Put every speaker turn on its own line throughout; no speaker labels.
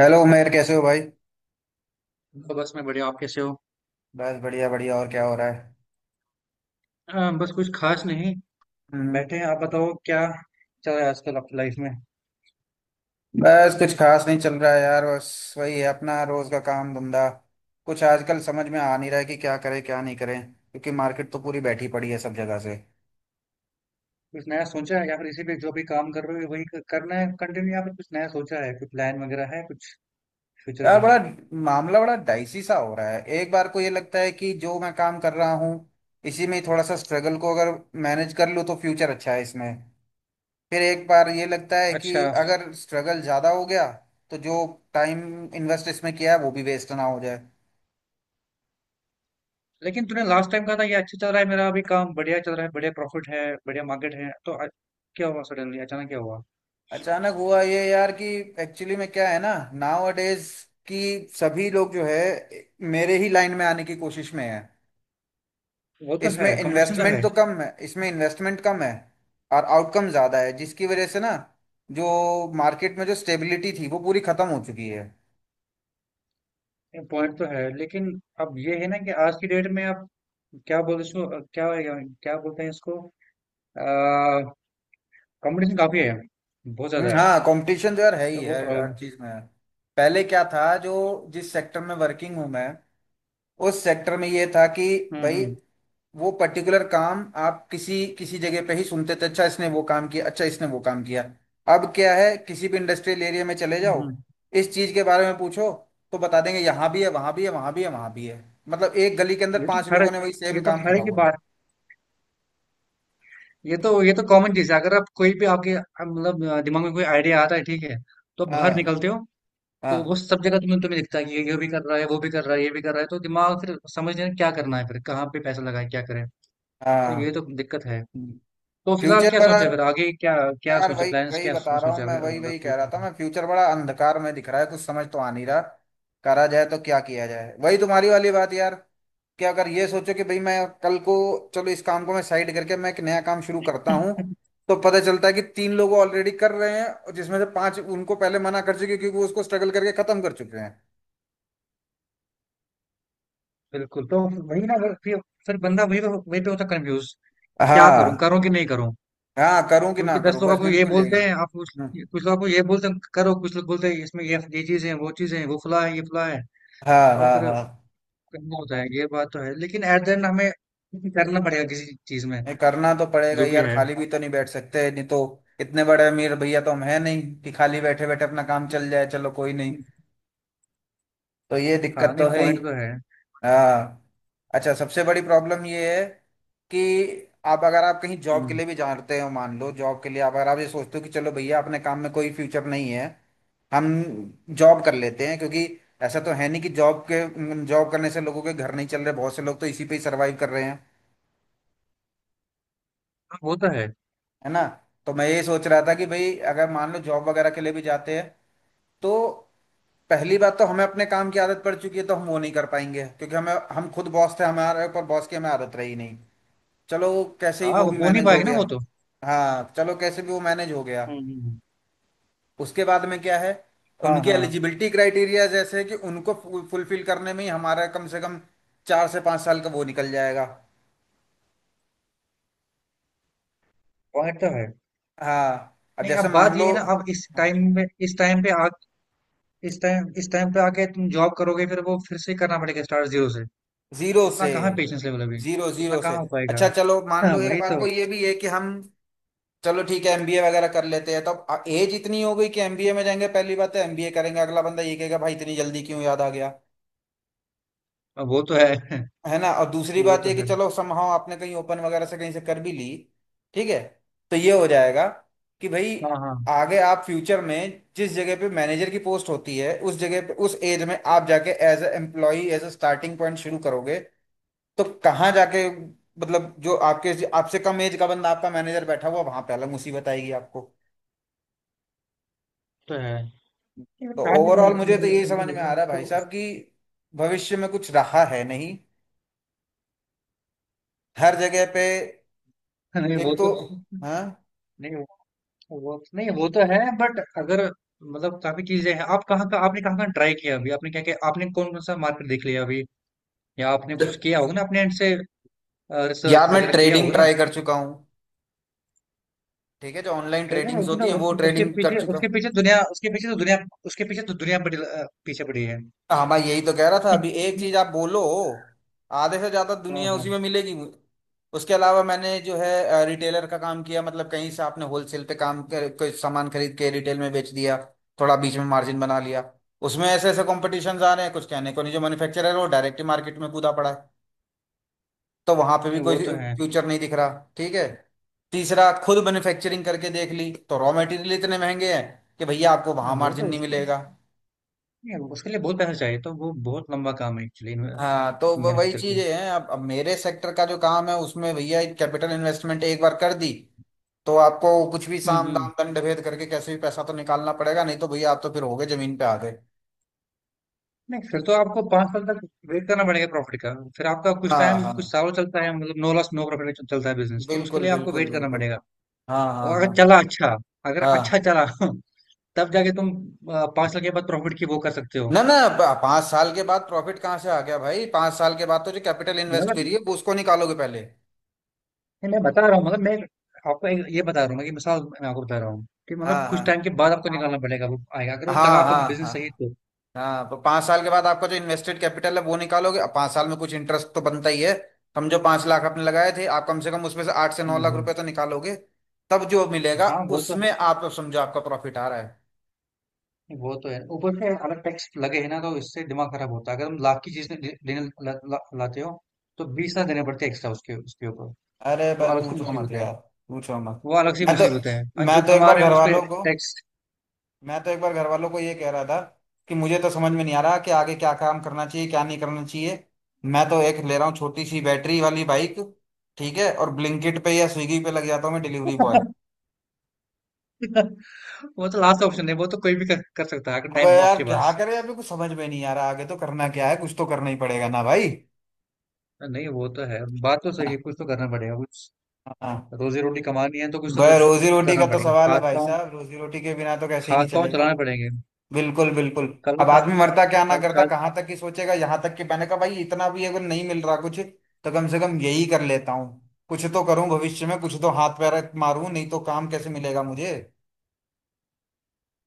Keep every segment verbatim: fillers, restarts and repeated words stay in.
Hello Umer, कैसे हो भाई?
तो बस मैं बढ़िया। आप कैसे हो?
बस बढ़िया बढ़िया, और क्या हो रहा है?
अ, बस कुछ खास नहीं।
हम्म।
बैठे हैं। आप बताओ क्या चल रहा है आजकल आपकी लाइफ में।
बस कुछ खास नहीं चल रहा है यार, बस वही है अपना रोज का काम धंधा। कुछ आजकल समझ में आ नहीं रहा है कि क्या करें क्या नहीं करें, क्योंकि मार्केट तो पूरी बैठी पड़ी है सब जगह से।
कुछ नया सोचा है या फिर इसी पे जो भी काम कर रहे हो वही क- करना है कंटिन्यू, या फिर कुछ नया सोचा है? कोई प्लान वगैरह है कुछ फ्यूचर
यार
का?
बड़ा मामला बड़ा डाइसी सा हो रहा है। एक बार को ये लगता है कि जो मैं काम कर रहा हूँ, इसी में ही थोड़ा सा स्ट्रगल को अगर मैनेज कर लूँ तो फ्यूचर अच्छा है इसमें। फिर एक बार ये लगता है
अच्छा।
कि अगर स्ट्रगल ज़्यादा हो गया तो जो टाइम इन्वेस्ट इसमें किया है वो भी वेस्ट ना हो जाए।
लेकिन तूने लास्ट टाइम कहा था ये अच्छा चल रहा है, मेरा अभी काम बढ़िया चल रहा है, बढ़िया प्रॉफिट है, बढ़िया मार्केट है, तो अ- क्या हुआ सडनली? अचानक क्या हुआ?
अचानक हुआ ये यार कि एक्चुअली में क्या है ना, नाउ अडेज कि सभी लोग जो है मेरे ही लाइन में आने की कोशिश में है।
वो तो है,
इसमें
कंपटीशन तो
इन्वेस्टमेंट
है।
तो कम है, इसमें इन्वेस्टमेंट कम है और आउटकम ज़्यादा है, जिसकी वजह से ना जो मार्केट में जो स्टेबिलिटी थी वो पूरी ख़त्म हो चुकी है।
पॉइंट तो है, लेकिन अब ये है ना कि आज की डेट में आप क्या बोलते इसको, क्या क्या बोलते हैं इसको? कंपटीशन काफी है, बहुत
हम्म,
ज्यादा है,
हाँ, कंपटीशन तो यार है
तो
ही,
वो
हर हर
प्रॉब्लम।
चीज़ में है। पहले क्या था जो, जिस सेक्टर में वर्किंग हूँ मैं, उस सेक्टर में ये था कि भाई
हम्म,
वो पर्टिकुलर काम आप किसी किसी जगह पे ही सुनते थे, अच्छा इसने वो काम किया, अच्छा इसने वो काम किया। अब क्या है, किसी भी इंडस्ट्रियल एरिया में चले
हम्म,
जाओ,
हम्म।
इस चीज के बारे में पूछो, तो बता देंगे यहाँ भी है वहां भी है वहां भी है वहां भी है। मतलब एक गली के अंदर
ये तो
पांच
हर
लोगों ने वही
ये
सेम
तो
काम
हर
खोला
एक की
हुआ है।
बात, ये तो ये तो कॉमन चीज है। अगर आप कोई भी आपके आप मतलब अ, दिमाग में कोई आइडिया आता है, ठीक है? तो
हाँ
बाहर निकलते हो
हाँ
तो वो सब जगह तुम्हें तुम्हें दिखता है कि ये ये भी कर रहा है, वो भी कर रहा है, ये भी कर रहा है। तो दिमाग फिर समझ नहीं आता क्या करना है, फिर कहाँ पे पैसा लगाए, क्या करें। तो ये तो
हाँ।
दिक्कत है। तो फिलहाल
फ्यूचर
क्या
बड़ा,
सोचा है फिर आगे? क्या क्या
यार
सोचा
वही
प्लान्स,
वही
क्या
बता
सो-
रहा हूँ
सोचा है?
मैं, वही
मतलब
वही
फिर-
कह रहा था मैं, फ्यूचर बड़ा अंधकार में दिख रहा है। कुछ समझ तो आ नहीं रहा करा जाए तो क्या किया जाए, वही तुम्हारी वाली बात यार कि अगर ये सोचो कि भाई मैं कल को, चलो इस काम को मैं साइड करके मैं एक नया काम शुरू करता हूँ, तो पता चलता है कि तीन लोग ऑलरेडी कर रहे हैं, और जिसमें से पांच उनको पहले मना कर चुके क्योंकि वो उसको स्ट्रगल करके खत्म कर चुके हैं।
बिल्कुल। तो वही ना, अगर फिर... फिर बंदा वही पे वही पे होता कंफ्यूज। क्या करूं,
हाँ
करूं कि नहीं करूं?
हाँ, करूँ कि ना
क्योंकि दस
करूँ,
लोग
बस
आपको ये
बिल्कुल यही
बोलते
है।
हैं, आप कुछ
हम्म,
कुछ लोग आपको ये बोलते हैं करो, कुछ लोग बोलते हैं इसमें ये ये चीजें हैं, वो चीजें हैं, वो फला है, ये फला है,
हाँ
तो
हाँ
फिर
हाँ।
करना होता है। ये बात तो है, लेकिन एट द एंड हमें करना पड़ेगा किसी चीज में,
नहीं, करना तो पड़ेगा
जो
ही
भी
यार,
है।
खाली भी तो नहीं बैठ सकते, नहीं तो। इतने बड़े अमीर भैया तो हम है नहीं कि खाली बैठे बैठे अपना काम चल जाए, चलो कोई नहीं। तो ये
हाँ,
दिक्कत
नहीं,
तो है ही।
पॉइंट तो है।
हाँ। अच्छा, सबसे बड़ी प्रॉब्लम ये है कि आप, अगर आप कहीं जॉब के
हम्म,
लिए भी जाते हो, मान लो जॉब के लिए आप, अगर आप ये सोचते हो कि चलो भैया अपने काम में कोई फ्यूचर नहीं है, हम जॉब कर लेते हैं, क्योंकि ऐसा तो है नहीं कि जॉब के, जॉब करने से लोगों के घर नहीं चल रहे, बहुत से लोग तो इसी पे ही सर्वाइव कर रहे हैं,
हाँ, वो तो है।
है ना। तो मैं ये सोच रहा था कि भाई अगर मान लो जॉब वगैरह के लिए भी जाते हैं, तो पहली बात तो हमें अपने काम की आदत पड़ चुकी है, तो हम वो नहीं कर पाएंगे, क्योंकि हमें, हम खुद बॉस थे, हमारे ऊपर बॉस की हमें आदत रही नहीं। चलो कैसे ही
हाँ,
वो
वो
भी
हो नहीं
मैनेज हो
पाएगा ना, वो
गया।
तो...
हाँ, चलो कैसे भी वो मैनेज हो गया।
हम्म, हम्म,
उसके बाद में क्या है,
हाँ,
उनकी
हाँ,
एलिजिबिलिटी क्राइटेरिया जैसे है कि उनको फुलफिल करने में ही हमारा कम से कम चार से पाँच साल का वो निकल जाएगा।
पॉइंट तो है।
हाँ, अब
नहीं,
जैसे
अब
मान
बात
लो,
ये है ना, अब इस टाइम में इस टाइम पे... इस टाइम इस टाइम पे आके तुम जॉब करोगे, फिर वो फिर से करना पड़ेगा स्टार्ट जीरो से।
जीरो से,
उतना कहाँ पेशेंस लेवल अभी,
जीरो
उतना
जीरो से
कहाँ हो पाएगा।
अच्छा चलो मान
हाँ,
लो, एक
वही
बात
तो।
को ये भी है कि हम, चलो ठीक है एमबीए वगैरह कर लेते हैं, तो अब एज इतनी हो गई कि एमबीए में जाएंगे, पहली बात है एमबीए करेंगे, अगला बंदा ये कहेगा भाई इतनी जल्दी क्यों याद आ गया,
अब वो तो है।
है ना। और दूसरी
वो
बात
तो
ये कि
है,
चलो समहाउ आपने कहीं ओपन वगैरह से कहीं से कर भी ली, ठीक है, तो ये हो जाएगा कि भाई
हाँ, हाँ
आगे आप फ्यूचर में जिस जगह पे मैनेजर की पोस्ट होती है, उस जगह पे उस एज में आप जाके as a employee, as a starting point शुरू करोगे। तो कहाँ जाके मतलब, जो आपके, आपसे कम एज का बंदा आपका मैनेजर बैठा हुआ वहां पे, अलग मुसीबत आएगी आपको।
तो है।
तो
टाइम
ओवरऑल
निकल...
मुझे तो
निकल
यही समझ
निकल
में आ
जाएगा,
रहा है
बस
भाई
तो
साहब,
उस-
कि भविष्य में कुछ रहा है नहीं, हर जगह पे।
नहीं वो
एक तो,
तो
हाँ।
नहीं वो वो- नहीं, वो तो है, बट अगर... मतलब काफी चीजें हैं, आप कहाँ का आपने कहाँ कहाँ ट्राई किया अभी, आपने क्या क्या, आपने कौन कौन सा मार्केट देख लिया अभी? या आपने कुछ किया होगा ना अपने एंड से, रिसर्च
यार मैं
वगैरह किया
ट्रेडिंग
होगा ना।
ट्राई कर चुका हूँ, ठीक है, जो ऑनलाइन
ट्रेजर...
ट्रेडिंग्स
उसने
होती हैं
उस,
वो
उसके
ट्रेडिंग कर
पीछे
चुका हूँ।
उसके पीछे दुनिया उसके पीछे तो दुनिया उसके पीछे तो दुनिया पड़ी, अ, पीछे पड़ी है।
हाँ मैं यही तो कह रहा था, अभी एक चीज आप बोलो, आधे से ज्यादा
हाँ,
दुनिया उसी
हाँ।
में मिलेगी। उसके अलावा मैंने जो है रिटेलर का काम किया, मतलब कहीं से आपने होलसेल पे काम कर, कोई सामान खरीद के रिटेल में बेच दिया, थोड़ा बीच में मार्जिन बना लिया। उसमें ऐसे ऐसे कॉम्पिटिशन आ रहे हैं कुछ कहने को नहीं, जो मैन्युफैक्चरर है वो डायरेक्ट मार्केट में कूदा पड़ा है, तो वहां पे
नहीं,
भी कोई
वो तो है।
फ्यूचर नहीं दिख रहा। ठीक है, तीसरा, खुद मैन्युफैक्चरिंग करके देख ली, तो रॉ मटेरियल इतने महंगे हैं कि भैया आपको वहां
नहीं, वो
मार्जिन
तो
नहीं
उस,
मिलेगा।
नहीं, उसके लिए बहुत पैसा चाहिए, तो वो बहुत लंबा काम है एक्चुअली।
हाँ तो व- वही
मैन्युफैक्चर
चीजें
का।
हैं। अब अब मेरे सेक्टर का जो काम है उसमें भैया एक कैपिटल इन्वेस्टमेंट एक बार कर दी तो आपको कुछ भी
हम्म,
साम
हम्म।
दाम दंड भेद करके कैसे भी पैसा तो निकालना पड़ेगा, नहीं तो भैया आप तो फिर हो गए, जमीन पे आ गए।
नहीं, फिर तो आपको पांच साल तक वेट करना पड़ेगा प्रॉफिट का। फिर आपका कुछ
हाँ
टाइम,
हाँ,
कुछ साल चलता है मतलब, नो लॉस नो प्रॉफिट चलता है बिजनेस, तो उसके
बिल्कुल
लिए आपको
बिल्कुल
वेट करना
बिल्कुल।
पड़ेगा।
हाँ हाँ
और
हाँ।
अगर चला अच्छा, अगर अच्छा
हाँ
चला। तब जाके तुम अ, पांच साल के बाद प्रॉफिट की वो कर सकते हो।
ना ना, ब- पाँच साल के बाद प्रॉफिट कहाँ से आ गया भाई? पाँच साल के बाद तो जो कैपिटल इन्वेस्ट
मतलब
करी है वो उसको निकालोगे पहले।
नहीं, मैं बता रहा हूँ मतलब, मैं आपको एक ये बता रहा हूँ ना कि मिसाल मैं आपको बता रहा हूँ कि मतलब
हाँ
कुछ टाइम
हाँ
के बाद आपको निकालना पड़ेगा, वो आएगा अगर वो चला
हाँ।
आपका
हाँ हाँ
बिजनेस सही तो।
हाँ। तो पाँच साल के बाद आपका जो इन्वेस्टेड कैपिटल है वो निकालोगे, अब पाँच साल में कुछ इंटरेस्ट तो बनता ही है। समझो पाँच लाख आपने लगाए थे, आप कम से कम उसमें से आठ से नौ लाख
हम्म,
रुपए तो निकालोगे, तब जो मिलेगा
हाँ वो तो
उसमें आप समझो आपका प्रॉफिट आ रहा है।
वो तो है, ऊपर से अलग टैक्स लगे है ना, तो इससे दिमाग खराब होता है। अगर हम लाख की चीज ले- लेने ला, ला, लाते हो, तो बीस लाख देने पड़ते हैं एक्स्ट्रा उसके उसके ऊपर।
अरे
वो
बस
अलग सी
पूछो मत
मुसीबत है।
यार, पूछो मत।
वो अलग सी
मैं तो
मुसीबत है, और
मैं
जो
तो एक
कमा
बार
रहे
घर
हैं उस पे
वालों को,
टैक्स।
मैं तो एक बार घर वालों को ये कह रहा था कि मुझे तो समझ में नहीं आ रहा कि आगे क्या काम करना चाहिए क्या नहीं करना चाहिए। मैं तो एक ले रहा हूँ छोटी सी बैटरी वाली बाइक, ठीक है, और ब्लिंकिट पे या स्विगी पे लग जाता हूँ मैं डिलीवरी बॉय।
वो तो लास्ट ऑप्शन है। वो तो कोई भी कर, कर सकता है अगर
अब
टाइम हो
यार
आपके
क्या
पास।
करें, अभी कुछ समझ में नहीं आ रहा, आगे तो करना क्या है, कुछ तो करना ही पड़ेगा ना भाई।
नहीं, वो तो है, बात तो सही है, कुछ तो करना पड़ेगा।
हाँ,
रोजी रोटी कमानी है तो कुछ तो
भाई
क-
रोजी रोटी
करना
का तो
पड़ेगा।
सवाल है
हाथ
भाई
पाँव...
साहब, रोजी रोटी के बिना तो कैसे ही
हाथ
नहीं
पाँव
चलेगा।
चलाने पड़ेंगे।
बिल्कुल बिल्कुल।
कल को
अब
सा-
आदमी मरता क्या ना
कल को
करता,
साल...
कहाँ तक ही सोचेगा, यहाँ तक कि मैंने कहा भाई इतना भी अगर नहीं मिल रहा कुछ तो कम से कम यही कर लेता हूँ, कुछ तो करूँ, भविष्य में कुछ तो हाथ पैर मारूं, नहीं तो काम कैसे मिलेगा मुझे।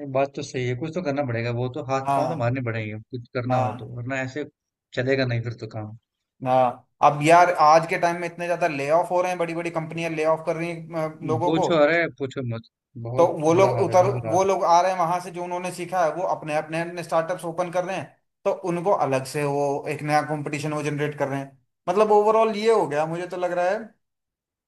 ये बात तो सही है, कुछ तो करना पड़ेगा, वो तो हाथ पाँव तो
हाँ
मारने पड़ेंगे, कुछ करना हो तो।
हाँ
वरना ऐसे चलेगा नहीं फिर तो काम।
हाँ। अब यार आज के टाइम में इतने ज्यादा ले ऑफ हो रहे हैं, बड़ी बड़ी कंपनियां ले ऑफ कर रही हैं अ, लोगों को।
पूछो अरे पूछो मत।
तो
बहुत
वो लोग
बुरा हाल है,
उतर,
बहुत बुरा हाल
वो
है।
लोग आ रहे हैं वहां से, जो उन्होंने सीखा है वो अपने अपने अपने स्टार्टअप्स ओपन कर रहे हैं, तो उनको अलग से वो एक नया कंपटीशन वो जनरेट कर रहे हैं। मतलब ओवरऑल ये हो गया मुझे तो लग रहा है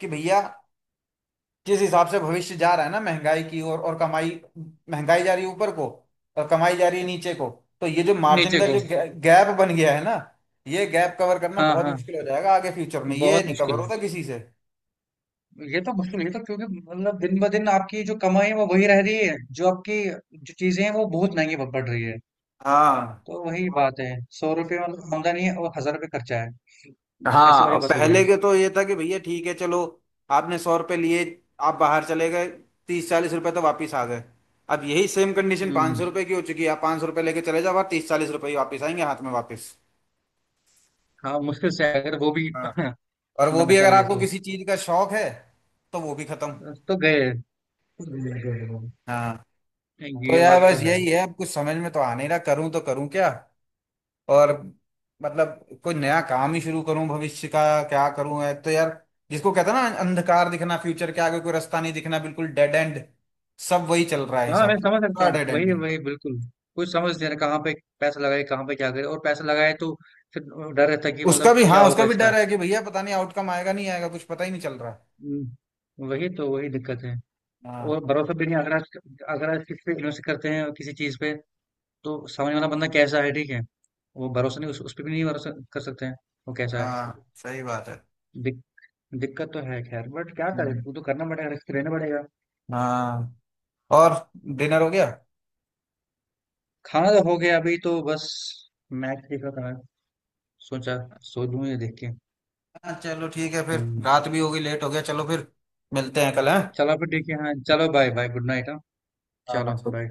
कि भैया जिस हिसाब से भविष्य जा रहा है ना, महंगाई की ओर और कमाई, महंगाई जा रही है ऊपर को और कमाई जा रही है नीचे को। तो ये जो मार्जिन
नीचे
का जो
को।
बिल्कुल गैप बन गया है ना, ये गैप कवर करना
हाँ,
बहुत बिल्कुल
हाँ,
मुश्किल हो जाएगा आगे फ्यूचर में, ये
बहुत
नहीं
मुश्किल
कवर
है।
होता किसी से।
ये तो मुश्किल है, ये तो क्योंकि मतलब दिन ब दिन आपकी जो कमाई है वो वही रह रही है, जो आपकी जो चीजें हैं वो बहुत महंगी पड़ रही है।
हाँ
तो वही बात है। सौ रुपये मतलब आमदनी है और हजार रुपये खर्चा है, ऐसी
हाँ।
वाली
और
बात हो गई।
पहले के तो ये था कि भैया ठीक है, चलो आपने सौ रुपये लिए, आप बाहर चले गए, तीस चालीस रुपए तो वापस आ गए। अब यही सेम
हुँ,
कंडीशन पाँच सौ
हुँ।
रुपये की हो चुकी है, आप पाँच सौ रुपये लेके चले जाओ, आप तीस चालीस रुपये ही वापस आएंगे हाथ में वापस।
हाँ, मुश्किल से अगर वो भी
हाँ, और
ना
वो भी
बचा
अगर
लिए
आपको
तो।
किसी चीज का शौक है तो वो भी खत्म।
अ, तो गए। नहीं।
हाँ, तो
ये
यार
बात तो
बस
है।
यही है, अब कुछ समझ में तो आ नहीं रहा करूं तो करूं क्या। और मतलब कोई नया काम ही शुरू करूं भविष्य का, क्या करूं, है तो यार जिसको कहते हैं ना अंधकार दिखना, फ्यूचर के आगे कोई रास्ता नहीं दिखना, बिल्कुल डेड एंड। सब वही चल रहा है
हाँ,
हिसाब
मैं
से,
समझ सकता
पूरा
हूँ।
डेड एंड
वही,
है।
वही बिल्कुल। कुछ समझ नहीं रहा कहाँ पे पैसा लगाए, कहाँ पे क्या करे, और पैसा लगाए तो फिर अ, डर रहता है कि
उसका
मतलब
भी, हाँ
क्या
उसका
होगा
भी
इसका?
डर है कि भैया पता नहीं आउटकम आएगा नहीं आएगा, कुछ पता ही नहीं चल रहा है।
हुँ, वही तो, वही दिक्कत है।
हाँ
और भरोसा भी नहीं। अगर आज अगर आज किसी पे इन्वेस्ट करते हैं किसी चीज़ पे, तो सामने वाला बंदा कैसा है, ठीक है? वो भरोसा नहीं, उस उसपे भी नहीं भरोसा कर सकते हैं, वो कैसा है।
हाँ, सही बात है।
दिक दिक्कत तो है खैर, बट क्या करे,
हम्म,
वो तो करना पड़ेगा, रिस्क तो लेना पड़ेगा।
हाँ। और डिनर हो गया?
खाना तो हो गया। अभी तो बस मैच देख रहा था मैं, सोचा सो लूं ये देख के।
हाँ चलो ठीक है, फिर
हम्म।
रात भी होगी लेट हो गया, चलो फिर मिलते हैं कल, हैं।
चलो फिर ठीक है, हाँ चलो, बाय बाय, गुड नाइट, हाँ
हाँ हाँ।
चलो बाय।